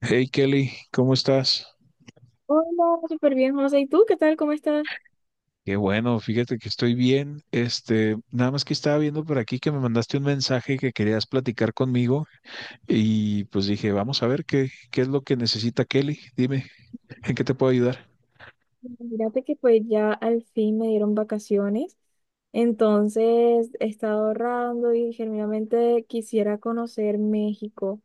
Hey Kelly, ¿cómo estás? Hola, súper bien, José. ¿Y tú qué tal? ¿Cómo estás? Qué bueno, fíjate que estoy bien. Nada más que estaba viendo por aquí que me mandaste un mensaje que querías platicar conmigo y pues dije, vamos a ver qué es lo que necesita Kelly. Dime, ¿en qué te puedo ayudar? Fíjate que pues ya al fin me dieron vacaciones, entonces he estado ahorrando y genuinamente quisiera conocer México.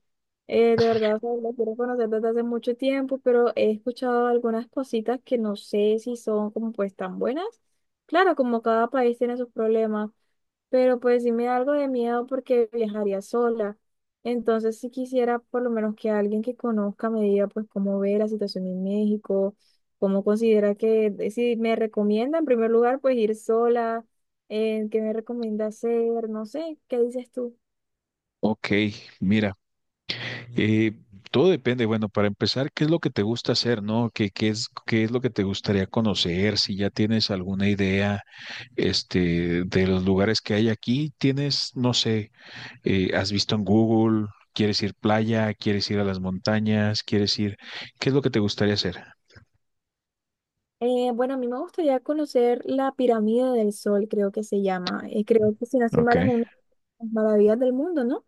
De verdad, o sea, lo quiero conocer desde hace mucho tiempo, pero he escuchado algunas cositas que no sé si son como pues tan buenas. Claro, como cada país tiene sus problemas, pero pues sí me da algo de miedo porque viajaría sola. Entonces, si quisiera por lo menos que alguien que conozca me diga pues cómo ve la situación en México, cómo considera que, si me recomienda en primer lugar pues ir sola, qué me recomienda hacer, no sé, ¿qué dices tú? Ok, mira, eh, todo depende. Bueno, para empezar, ¿qué es lo que te gusta hacer, no? ¿Qué es lo que te gustaría conocer? Si ya tienes alguna idea, de los lugares que hay aquí, tienes, no sé. ¿Has visto en Google, quieres ir playa, quieres ir a las montañas, quieres ir, qué es lo que te gustaría hacer? Bueno, a mí me gustaría conocer la pirámide del Sol, creo que se llama. Creo que si no estoy Ok. mal es una de las maravillas del mundo, ¿no?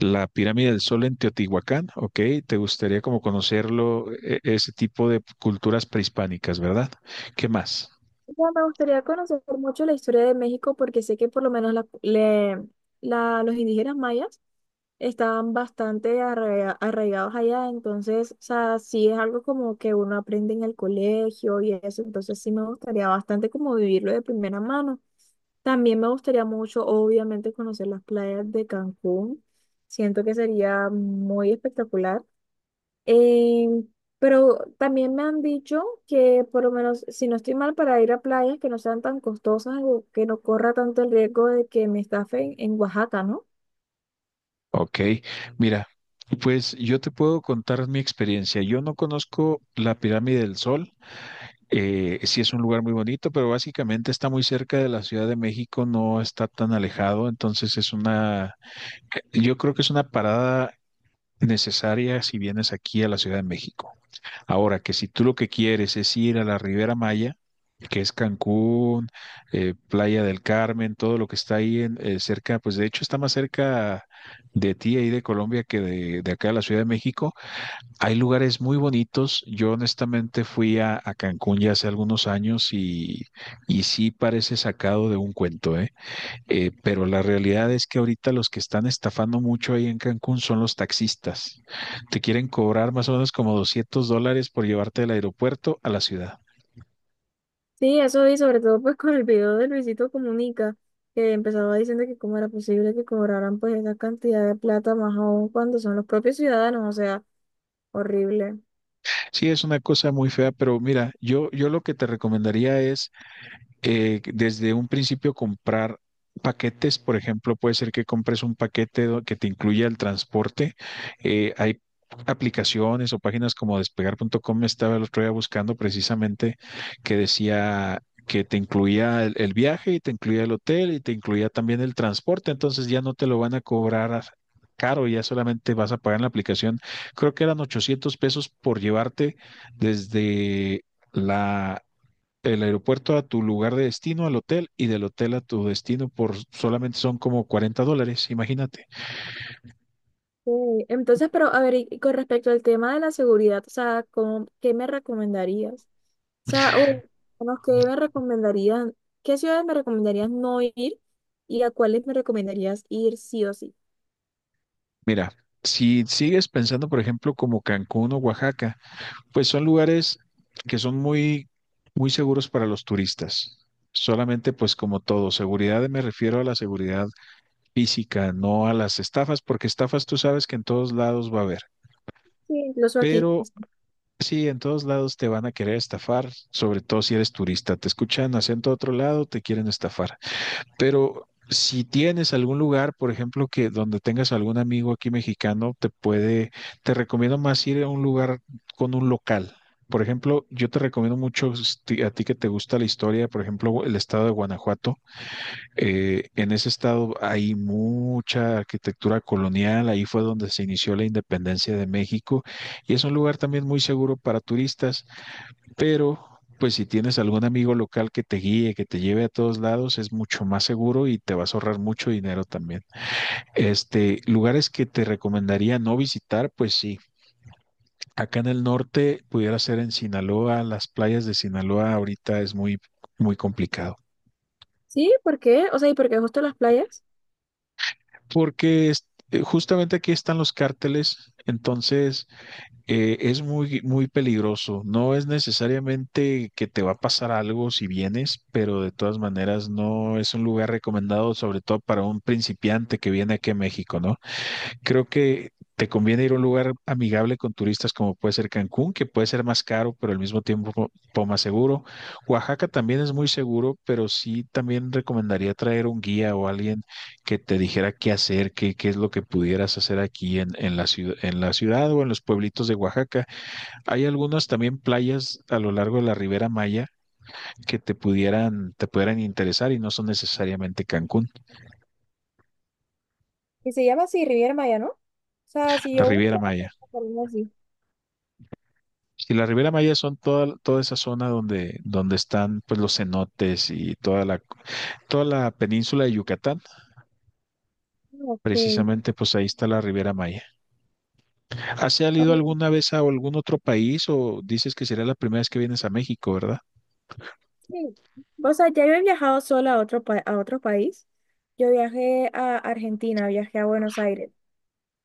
La pirámide del Sol en Teotihuacán, ok. Te gustaría como conocerlo, ese tipo de culturas prehispánicas, ¿verdad? ¿Qué más? Mira, me gustaría conocer mucho la historia de México porque sé que por lo menos los indígenas mayas estaban bastante arraigados allá, entonces, o sea, sí es algo como que uno aprende en el colegio y eso, entonces sí me gustaría bastante como vivirlo de primera mano. También me gustaría mucho, obviamente, conocer las playas de Cancún. Siento que sería muy espectacular. Eh, pero también me han dicho que por lo menos, si no estoy mal, para ir a playas que no sean tan costosas o que no corra tanto el riesgo de que me estafen en Oaxaca, ¿no? Ok, mira, pues yo te puedo contar mi experiencia. Yo no conozco la pirámide del Sol. Sí es un lugar muy bonito, pero básicamente está muy cerca de la Ciudad de México, no está tan alejado, entonces yo creo que es una parada necesaria si vienes aquí a la Ciudad de México. Ahora, que si tú lo que quieres es ir a la Riviera Maya, que es Cancún, Playa del Carmen, todo lo que está ahí en, cerca, pues de hecho está más cerca de ti ahí de Colombia que de acá de la Ciudad de México, hay lugares muy bonitos. Yo honestamente fui a Cancún ya hace algunos años y sí parece sacado de un cuento, ¿eh? Pero la realidad es que ahorita los que están estafando mucho ahí en Cancún son los taxistas. Te quieren cobrar más o menos como $200 por llevarte del aeropuerto a la ciudad. Sí, eso y sobre todo pues con el video de Luisito Comunica, que empezaba diciendo que cómo era posible que cobraran pues esa cantidad de plata más aún cuando son los propios ciudadanos, o sea, horrible. Sí, es una cosa muy fea, pero mira, yo lo que te recomendaría es desde un principio comprar paquetes, por ejemplo, puede ser que compres un paquete que te incluya el transporte. Hay aplicaciones o páginas como despegar.com, estaba el otro día buscando precisamente que decía que te incluía el viaje y te incluía el hotel y te incluía también el transporte, entonces ya no te lo van a cobrar caro, ya solamente vas a pagar en la aplicación. Creo que eran 800 pesos por llevarte desde la el aeropuerto a tu lugar de destino, al hotel, y del hotel a tu destino por solamente son como $40, imagínate. Sí. Entonces, pero a ver, y con respecto al tema de la seguridad, o sea, ¿cómo? ¿Qué me recomendarías? O sea, o bueno, ¿qué me recomendarían? ¿Qué ciudades me recomendarías no ir y a cuáles me recomendarías ir sí o sí? Mira, si sigues pensando, por ejemplo, como Cancún o Oaxaca, pues son lugares que son muy, muy seguros para los turistas. Solamente, pues como todo, seguridad me refiero a la seguridad física, no a las estafas, porque estafas tú sabes que en todos lados va a haber. Sí, incluso aquí. Pero sí, en todos lados te van a querer estafar, sobre todo si eres turista. Te escuchan acento de otro lado, te quieren estafar. Pero si tienes algún lugar, por ejemplo, que donde tengas algún amigo aquí mexicano, te recomiendo más ir a un lugar con un local. Por ejemplo, yo te recomiendo mucho a ti que te gusta la historia, por ejemplo, el estado de Guanajuato. En ese estado hay mucha arquitectura colonial, ahí fue donde se inició la independencia de México y es un lugar también muy seguro para turistas, pero pues si tienes algún amigo local que te guíe, que te lleve a todos lados, es mucho más seguro y te vas a ahorrar mucho dinero también. Lugares que te recomendaría no visitar, pues sí. Acá en el norte pudiera ser en Sinaloa, las playas de Sinaloa ahorita es muy, muy complicado, Sí, ¿por qué? O sea, ¿y por qué justo las playas? porque justamente aquí están los cárteles, entonces es muy, muy peligroso. No es necesariamente que te va a pasar algo si vienes, pero de todas maneras no es un lugar recomendado, sobre todo para un principiante que viene aquí a México, ¿no? Creo que te conviene ir a un lugar amigable con turistas como puede ser Cancún, que puede ser más caro, pero al mismo tiempo un poco más seguro. Oaxaca también es muy seguro, pero sí también recomendaría traer un guía o alguien que te dijera qué hacer, qué es lo que pudieras hacer aquí en la ciudad, en la ciudad o en los pueblitos de Oaxaca. Hay algunas también playas a lo largo de la Riviera Maya que te pudieran interesar y no son necesariamente Cancún, ¿Y se llama así Riviera Maya, ¿no? O sea, si la yo Riviera busco, me Maya. recomendaría así. Si la Riviera Maya son toda esa zona donde están pues los cenotes y toda la península de Yucatán, Ok. precisamente pues ahí está la Riviera Maya. ¿Has salido Ok, alguna vez a algún otro país o dices que será la primera vez que vienes a México, verdad? sí. O sea, ya yo he viajado sola a a otro país. Yo viajé a Argentina, viajé a Buenos Aires.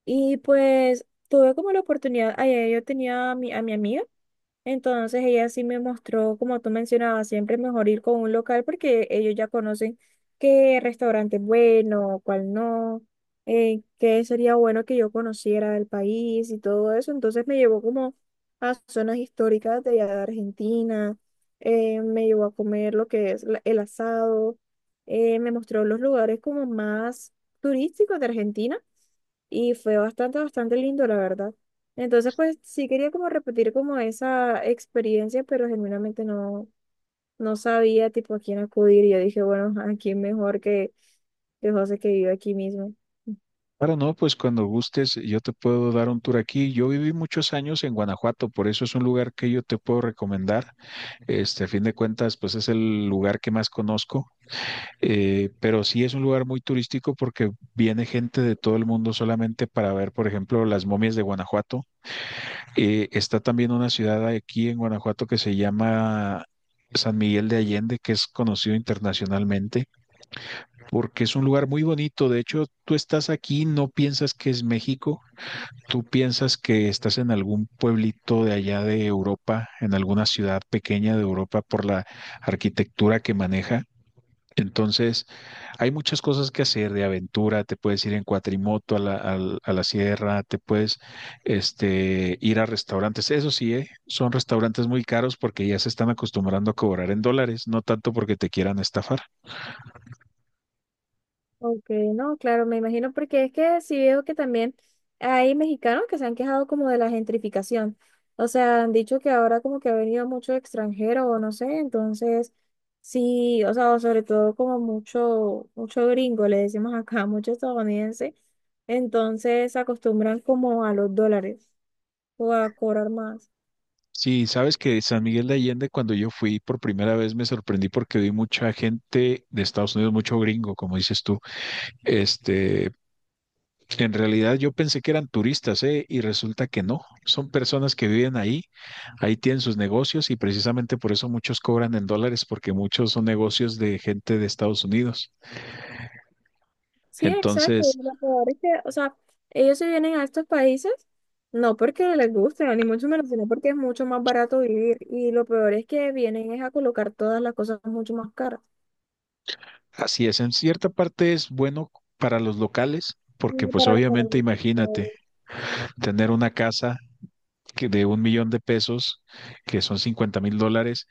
Y pues tuve como la oportunidad, ayer yo tenía a a mi amiga. Entonces ella sí me mostró, como tú mencionabas, siempre es mejor ir con un local porque ellos ya conocen qué restaurante es bueno, cuál no, qué sería bueno que yo conociera del país y todo eso. Entonces me llevó como a zonas históricas de allá de Argentina, me llevó a comer lo que es el asado, me mostró los lugares como más turísticos de Argentina y fue bastante, bastante lindo, la verdad. Entonces, pues sí quería como repetir como esa experiencia, pero genuinamente no sabía tipo a quién acudir. Yo dije, bueno, a quién mejor que José que vive aquí mismo. Claro, no, pues cuando gustes yo te puedo dar un tour aquí. Yo viví muchos años en Guanajuato, por eso es un lugar que yo te puedo recomendar. A fin de cuentas, pues es el lugar que más conozco. Pero sí es un lugar muy turístico porque viene gente de todo el mundo solamente para ver, por ejemplo, las momias de Guanajuato. Está también una ciudad aquí en Guanajuato que se llama San Miguel de Allende, que es conocido internacionalmente porque es un lugar muy bonito. De hecho, tú estás aquí, no piensas que es México. Tú piensas que estás en algún pueblito de allá de Europa, en alguna ciudad pequeña de Europa por la arquitectura que maneja, entonces hay muchas cosas que hacer de aventura, te puedes ir en cuatrimoto a a la sierra, te puedes ir a restaurantes, eso sí, ¿eh? Son restaurantes muy caros porque ya se están acostumbrando a cobrar en dólares, no tanto porque te quieran estafar. Ok, no, claro, me imagino porque es que sí veo que también hay mexicanos que se han quejado como de la gentrificación. O sea, han dicho que ahora como que ha venido mucho extranjero o no sé, entonces sí, o sea, o sobre todo como mucho, mucho gringo, le decimos acá, mucho estadounidense, entonces se acostumbran como a los dólares o a cobrar más. Sí, sabes que San Miguel de Allende, cuando yo fui por primera vez, me sorprendí porque vi mucha gente de Estados Unidos, mucho gringo, como dices tú, este, en realidad yo pensé que eran turistas, ¿eh? Y resulta que no. Son personas que viven ahí, ahí tienen sus negocios y precisamente por eso muchos cobran en dólares, porque muchos son negocios de gente de Estados Unidos. Sí, exacto. Entonces, Y lo peor es que, o sea, ellos se vienen a estos países no porque les guste, ni mucho menos, sino porque es mucho más barato vivir. Y lo peor es que vienen es a colocar todas las cosas mucho más caras. así es, en cierta parte es bueno para los locales, porque Y pues para la obviamente economía. imagínate tener una casa que de 1 millón de pesos, que son $50,000,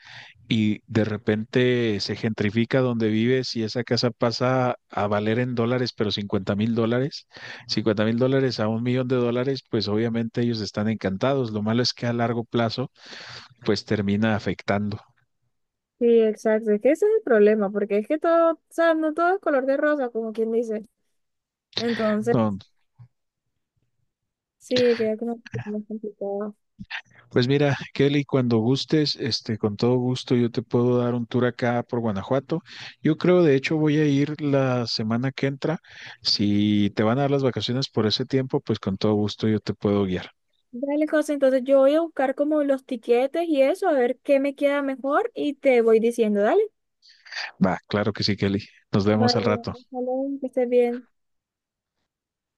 y de repente se gentrifica donde vives y esa casa pasa a valer en dólares, pero 50 mil dólares, 50 mil dólares a 1 millón de dólares, pues obviamente ellos están encantados. Lo malo es que a largo plazo, pues termina afectando. Sí, exacto. Es que ese es el problema, porque es que todo, o sea, no todo es color de rosa, como quien dice. Entonces, No, sí, queda como un poquito más complicado. pues mira, Kelly, cuando gustes, con todo gusto yo te puedo dar un tour acá por Guanajuato. Yo creo, de hecho, voy a ir la semana que entra. Si te van a dar las vacaciones por ese tiempo, pues con todo gusto yo te puedo guiar. Dale, José, entonces yo voy a buscar como los tiquetes y eso, a ver qué me queda mejor y te voy diciendo, dale. Va, claro que sí, Kelly. Nos vemos al Vale, rato. ojalá que estés bien.